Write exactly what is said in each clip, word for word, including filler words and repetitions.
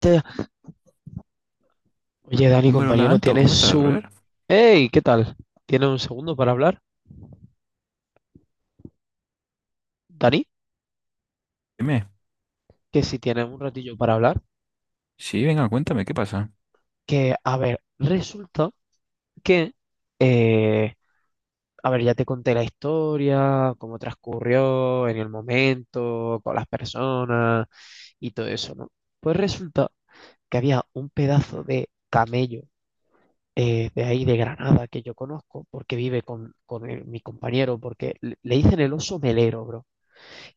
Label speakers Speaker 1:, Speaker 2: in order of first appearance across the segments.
Speaker 1: Te- Oye, Dani,
Speaker 2: Hombre, hola
Speaker 1: compañero,
Speaker 2: Anto, ¿cómo
Speaker 1: ¿tienes
Speaker 2: estás,
Speaker 1: un...
Speaker 2: brother?
Speaker 1: ¡Hey! ¿Qué tal? ¿Tienes un segundo para hablar? Dani,
Speaker 2: Dime.
Speaker 1: que si tienes un ratillo para hablar,
Speaker 2: Sí, venga, cuéntame, ¿qué pasa?
Speaker 1: que, a ver, resulta que, eh, a ver, ya te conté la historia, cómo transcurrió en el momento, con las personas y todo eso, ¿no? Pues resulta que había un pedazo de camello eh, de ahí de Granada que yo conozco porque vive con, con el- mi compañero, porque le, le dicen el oso melero, bro,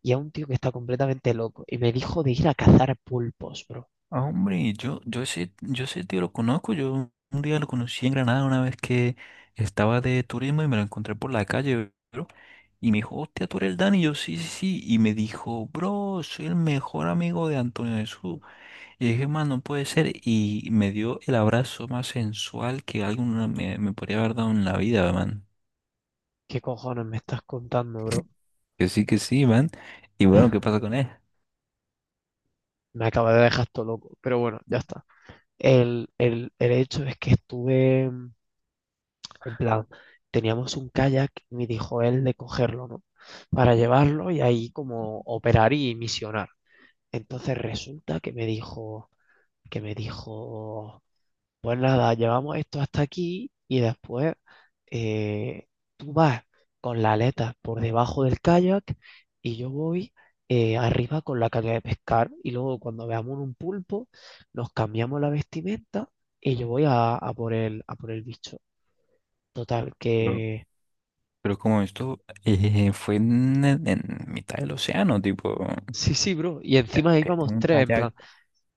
Speaker 1: y a un tío que está completamente loco. Y me dijo de ir a cazar pulpos, bro.
Speaker 2: Ah, hombre, yo, yo ese, yo ese tío lo conozco. Yo un día lo conocí en Granada una vez que estaba de turismo y me lo encontré por la calle, bro, y me dijo, hostia, tú eres el Dani, y yo sí, sí, sí, y me dijo, bro, soy el mejor amigo de Antonio Jesús, y dije, man, no puede ser, y me dio el abrazo más sensual que alguno me, me podría haber dado en la vida, man.
Speaker 1: ¿Qué cojones me estás contando, bro?
Speaker 2: Que sí, que sí, man, y bueno, ¿qué pasa con él?
Speaker 1: Me acaba de dejar todo loco, pero bueno, ya está. El, el, el hecho es que estuve, en plan, teníamos un kayak y me dijo él de cogerlo, ¿no? Para llevarlo y ahí como operar y misionar. Entonces resulta que me dijo, que me dijo, pues nada, llevamos esto hasta aquí y después, eh, tú vas con la aleta por debajo del kayak y yo voy eh, arriba con la caña de pescar y luego cuando veamos un pulpo nos cambiamos la vestimenta y yo voy a, a por el, a por el bicho. Total,
Speaker 2: Pero
Speaker 1: que
Speaker 2: Pero como esto eh, fue en, en- en mitad del océano, tipo,
Speaker 1: sí, sí, bro. Y
Speaker 2: eh,
Speaker 1: encima
Speaker 2: que
Speaker 1: íbamos
Speaker 2: tengo un
Speaker 1: tres, en plan.
Speaker 2: kayak.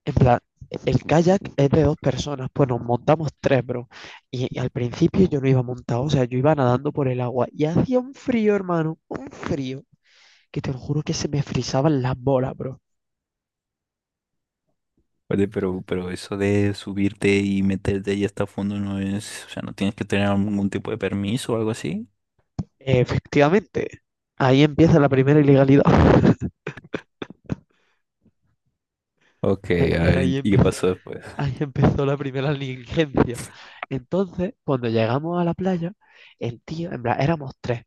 Speaker 1: En plan, el kayak es de dos personas, pues nos montamos tres, bro. Y, y al principio yo no iba montado, o sea, yo iba nadando por el agua y hacía un frío, hermano, un frío, que te lo juro que se me frisaban las bolas, bro.
Speaker 2: Oye, pero, pero eso de subirte y meterte ahí hasta fondo no es, o sea, no tienes que tener algún tipo de permiso o algo así.
Speaker 1: Efectivamente, ahí empieza la primera ilegalidad.
Speaker 2: Ok,
Speaker 1: Ahí,
Speaker 2: a ver,
Speaker 1: ahí
Speaker 2: int- ¿y qué
Speaker 1: empezó,
Speaker 2: pasó después?
Speaker 1: ahí empezó la primera negligencia. Entonces, cuando llegamos a la playa, el tío, en plan, éramos tres,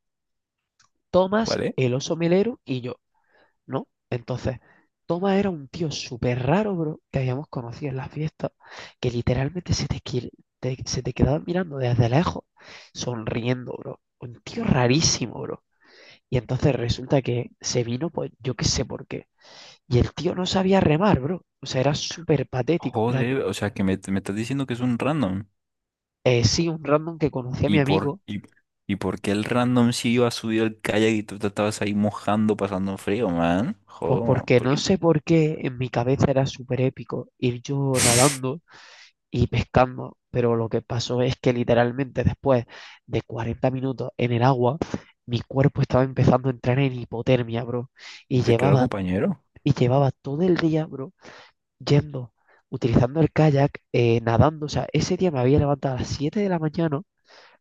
Speaker 1: Tomás,
Speaker 2: ¿Vale?
Speaker 1: el oso melero y yo. ¿No? Entonces, Toma era un tío súper raro, bro, que habíamos conocido en las fiestas, que literalmente se te, qui- te- se te quedaba mirando desde lejos, sonriendo, bro. Un tío rarísimo, bro. Y entonces resulta que se vino, pues yo qué sé por qué. Y el tío no sabía remar, bro. O sea, era súper patético. Era,
Speaker 2: Joder, o sea, que me, me estás diciendo que es un random.
Speaker 1: eh, sí, un random que conocí a mi
Speaker 2: ¿Y por,
Speaker 1: amigo,
Speaker 2: y, y por qué el random sí iba a subir al kayak y tú te estabas ahí mojando, pasando frío, man?
Speaker 1: pues
Speaker 2: Joder,
Speaker 1: porque no
Speaker 2: porque...
Speaker 1: sé por qué en mi cabeza era súper épico ir yo nadando y pescando, pero lo que pasó es que literalmente después de cuarenta minutos en el agua, mi cuerpo estaba empezando a entrar en hipotermia, bro, y
Speaker 2: Hombre, claro,
Speaker 1: llevaba,
Speaker 2: compañero.
Speaker 1: y llevaba todo el día, bro, yendo, utilizando el kayak, eh, nadando, o sea, ese día me había levantado a las siete de la mañana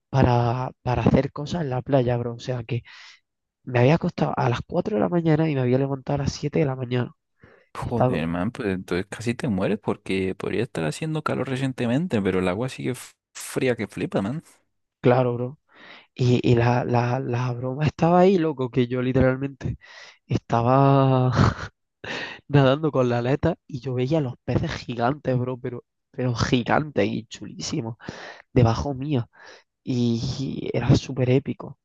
Speaker 1: para, para hacer cosas en la playa, bro, o sea, que me había acostado a las cuatro de la mañana y me había levantado a las siete de la mañana, y estaba,
Speaker 2: Joder, man, pues entonces casi te mueres porque podría estar haciendo calor recientemente, pero el agua sigue f- fría que flipa, man.
Speaker 1: claro, bro. Y, y la, la, la broma estaba ahí, loco, que yo literalmente estaba nadando con la aleta y yo veía los peces gigantes, bro, pero, pero gigantes y chulísimos, debajo mía. Y era súper épico.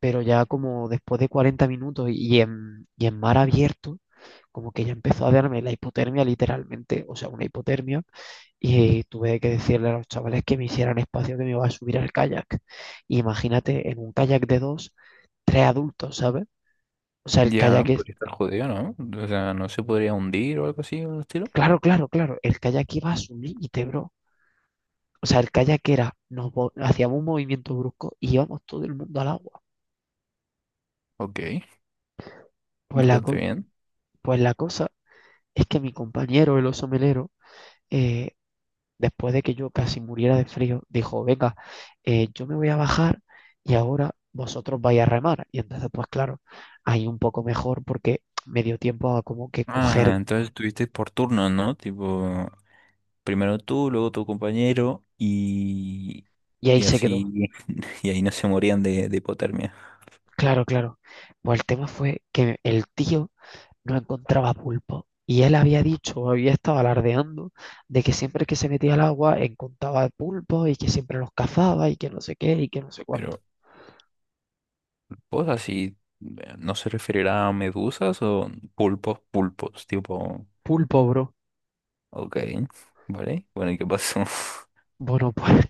Speaker 1: Pero ya como después de cuarenta minutos y en, y en mar abierto, como que ya empezó a darme la hipotermia literalmente, o sea, una hipotermia. Y tuve que decirle a los chavales que me hicieran espacio que me iba a subir al kayak. Y imagínate, en un kayak de dos, tres adultos, ¿sabes? O sea, el
Speaker 2: Ya,
Speaker 1: kayak es...
Speaker 2: podría estar jodido, ¿no? O sea, no se podría hundir o algo así, o estilo.
Speaker 1: Claro, claro, claro. El kayak iba a su límite, bro. O sea, el kayak era, nos vo- hacíamos un movimiento brusco y íbamos todo el mundo al agua.
Speaker 2: Ok,
Speaker 1: Pues la,
Speaker 2: bastante
Speaker 1: co-
Speaker 2: bien.
Speaker 1: pues la cosa es que mi compañero, el oso melero, eh, después de que yo casi muriera de frío, dijo, venga, eh, yo me voy a bajar y ahora vosotros vais a remar. Y entonces, pues claro, ahí un poco mejor porque me dio tiempo a como que
Speaker 2: Ah,
Speaker 1: coger
Speaker 2: entonces estuviste por turnos, ¿no? Tipo, primero tú, luego tu compañero y,
Speaker 1: y ahí
Speaker 2: y
Speaker 1: se quedó.
Speaker 2: así, y ahí no se morían de, de hipotermia.
Speaker 1: Claro, claro. Pues el tema fue que el tío no encontraba pulpo. Y él había dicho, o había estado alardeando, de que siempre que se metía al agua encontraba pulpos y que siempre los cazaba y que no sé qué y que no sé cuánto.
Speaker 2: Pero, pues así, eh, ¿no se referirá a medusas o pulpos, pulpos, tipo...
Speaker 1: Pulpo, bro.
Speaker 2: Ok, vale. Bueno, ¿y qué pasó?
Speaker 1: Bueno, pues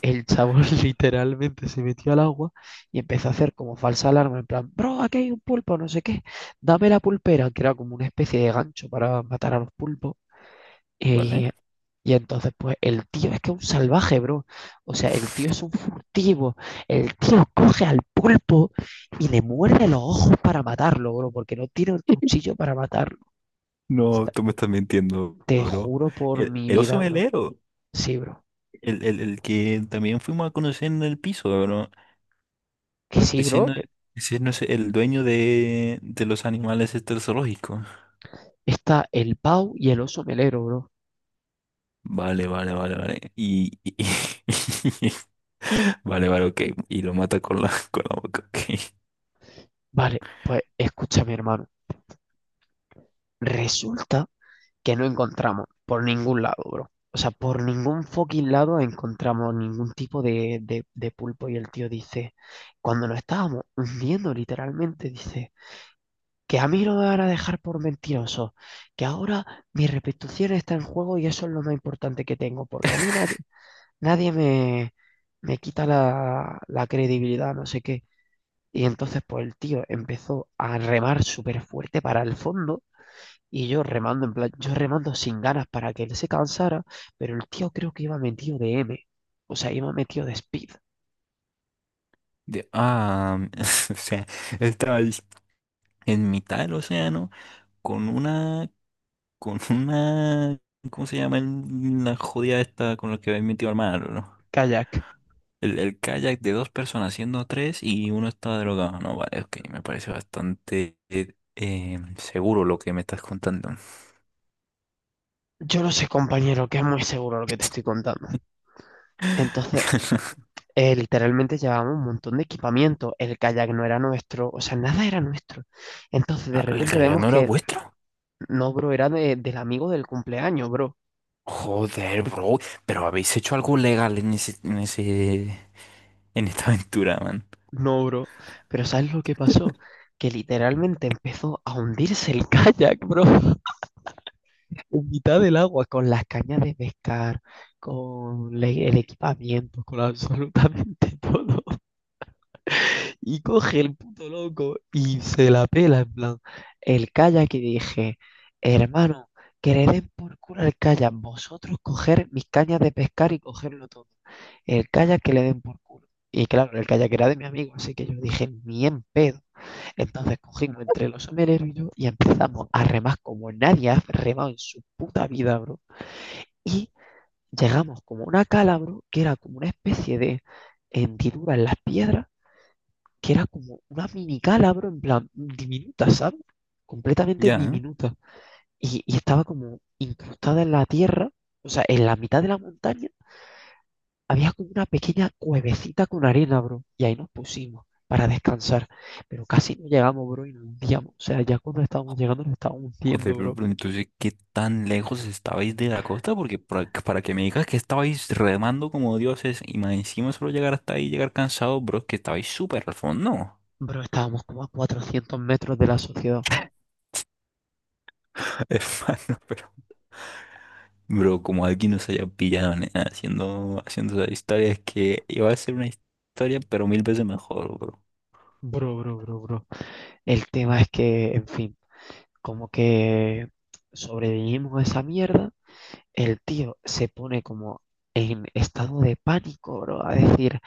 Speaker 1: el chabón literalmente se metió al agua y empezó a hacer como falsa alarma, en plan, bro, aquí hay un pulpo, no sé qué, dame la pulpera, que era como una especie de gancho para matar a los pulpos.
Speaker 2: ¿Vale?
Speaker 1: Y, y entonces, pues, el tío es que es un salvaje, bro. O sea, el tío es un furtivo. El tío coge al pulpo y le muerde los ojos para matarlo, bro, porque no tiene el cuchillo para matarlo.
Speaker 2: No,
Speaker 1: Está-
Speaker 2: tú me estás mintiendo,
Speaker 1: Te
Speaker 2: bro.
Speaker 1: juro por
Speaker 2: El,
Speaker 1: mi
Speaker 2: el oso
Speaker 1: vida, bro.
Speaker 2: melero,
Speaker 1: Sí, bro.
Speaker 2: el, el, el que también fuimos a conocer en el piso, bro.
Speaker 1: Que sí,
Speaker 2: Ese
Speaker 1: bro,
Speaker 2: no,
Speaker 1: que
Speaker 2: ese no es el dueño de, de los animales este zoológico.
Speaker 1: está el pau y el oso melero, bro.
Speaker 2: Vale, vale, vale, vale. Y, y- vale, vale, ok. Y lo mata con la, con la boca, ok.
Speaker 1: Vale, pues, escúchame, hermano. Resulta que no encontramos por ningún lado, bro. O sea, por ningún fucking lado encontramos ningún tipo de, de, de pulpo. Y el tío dice, cuando nos estábamos hundiendo literalmente, dice, que a mí no me van a dejar por mentiroso, que ahora mi reputación está en juego y eso es lo más importante que tengo, porque a mí nadie, nadie me, me quita la, la credibilidad, no sé qué. Y entonces, pues el tío empezó a remar súper fuerte para el fondo y yo remando, en plan, yo remando sin ganas para que él se cansara, pero el tío creo que iba metido de M, o sea, iba metido de speed,
Speaker 2: De, ah, o sea, estaba en mitad del océano con una... Con una... ¿Cómo se llama el- la jodida esta con la que habéis metido al mar, ¿no?
Speaker 1: kayak.
Speaker 2: El, el kayak de dos personas siendo tres y uno está drogado. No, vale, ok, me parece bastante eh, eh, seguro lo que me estás contando.
Speaker 1: Yo no sé, compañero, que es muy seguro lo que te estoy contando. Entonces, eh, literalmente llevábamos un montón de equipamiento, el kayak no era nuestro, o sea, nada era nuestro. Entonces, de
Speaker 2: Ah, ¿el
Speaker 1: repente
Speaker 2: kayak
Speaker 1: vemos
Speaker 2: no era
Speaker 1: que,
Speaker 2: vuestro?
Speaker 1: no, bro, era de- del amigo del cumpleaños, bro.
Speaker 2: Joder, bro, pero habéis hecho algo legal en ese, en ese, en esta aventura, man.
Speaker 1: No, bro. Pero ¿sabes lo que pasó? Que literalmente empezó a hundirse el kayak, bro. En mitad del agua, con las cañas de pescar, con le- el equipamiento, con absolutamente todo. Y coge el puto loco y se la pela, en plan. El kayak. Y dije, hermano, que le den por culo el kayak, vosotros coger mis cañas de pescar y cogerlo todo. El kayak que le den por culo. Y claro, el kayak era de mi amigo, así que yo dije, ni en pedo. Entonces cogimos entre los somereros y yo y empezamos a remar como nadie ha remado en su puta vida, bro. Y llegamos como a una calabro, que era como una especie de hendidura en las piedras, que era como una mini calabro, en plan, diminuta, ¿sabes? Completamente
Speaker 2: Ya, ¿eh?
Speaker 1: diminuta. Y, y estaba como incrustada en la tierra, o sea, en la mitad de la montaña, había como una pequeña cuevecita con arena, bro. Y ahí nos pusimos para descansar. Pero casi no llegamos, bro, y nos hundíamos. O sea, ya cuando estábamos llegando nos estábamos
Speaker 2: Joder,
Speaker 1: hundiendo,
Speaker 2: pero,
Speaker 1: bro.
Speaker 2: pero entonces, ¿qué tan lejos estabais de la costa? Porque para, para que me digas que estabais remando como dioses y más encima solo llegar hasta ahí, llegar cansado, bro, es que estabais súper al fondo.
Speaker 1: Bro, estábamos como a cuatrocientos metros de la sociedad.
Speaker 2: Hermano, pero... Bro, como alguien nos haya pillado, nena, haciendo, haciendo esa historia, es que iba a ser una historia, pero mil veces mejor, bro.
Speaker 1: Bro, bro, bro, bro. El tema es que, en fin, como que sobrevivimos a esa mierda, el tío se pone como en estado de pánico, bro, a decir,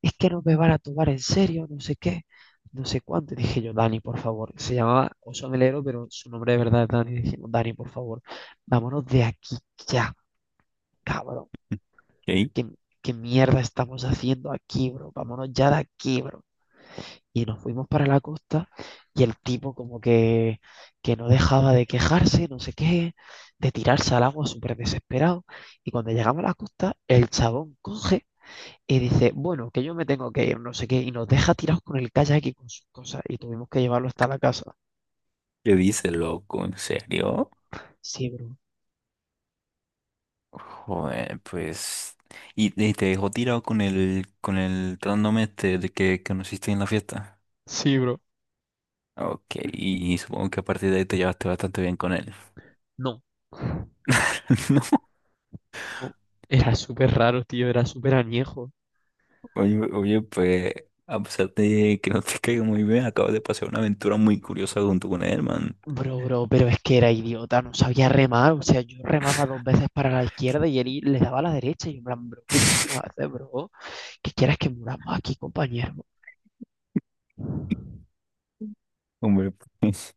Speaker 1: es que no me van a tomar en serio, no sé qué, no sé cuánto. Y dije yo, Dani, por favor, se llamaba Oso Melero, pero su nombre de verdad es Dani. Dijimos, Dani, por favor, vámonos de aquí ya, cabrón.
Speaker 2: ¿Qué?
Speaker 1: ¿Qué, qué mierda estamos haciendo aquí, bro? Vámonos ya de aquí, bro. Y nos fuimos para la costa y el tipo como que, que no dejaba de quejarse, no sé qué, de tirarse al agua súper desesperado. Y cuando llegamos a la costa, el chabón coge y dice, bueno, que yo me tengo que ir, no sé qué, y nos deja tirados con el kayak y con sus cosas. Y tuvimos que llevarlo hasta la casa.
Speaker 2: ¿Qué dices, loco? ¿En serio?
Speaker 1: Sí, bro.
Speaker 2: Joder, pues... ¿Y, y te dejó tirado con el, con el trándome este de que que conociste en la fiesta?
Speaker 1: Sí, bro.
Speaker 2: Ok, y supongo que a partir de ahí te llevaste bastante bien con él.
Speaker 1: No. No. Era súper raro, tío, era súper añejo.
Speaker 2: No, oye, oye, pues a pesar de que no te caiga muy bien, acabas de pasar una aventura muy curiosa junto con él, man.
Speaker 1: Bro, bro, pero es que era idiota, no sabía remar, o sea, yo remaba dos veces para la izquierda y él le daba a la derecha y yo en plan, bro, ¿qué coño haces, bro? ¿Qué quieres que muramos aquí, compañero?
Speaker 2: Hombre, pues,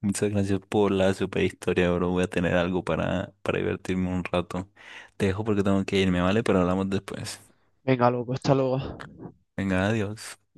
Speaker 2: muchas gracias por la super historia, bro. Voy a tener algo para, para divertirme un rato. Te dejo porque tengo que irme, ¿vale? Pero hablamos después.
Speaker 1: Venga, loco, hasta luego.
Speaker 2: Venga, adiós.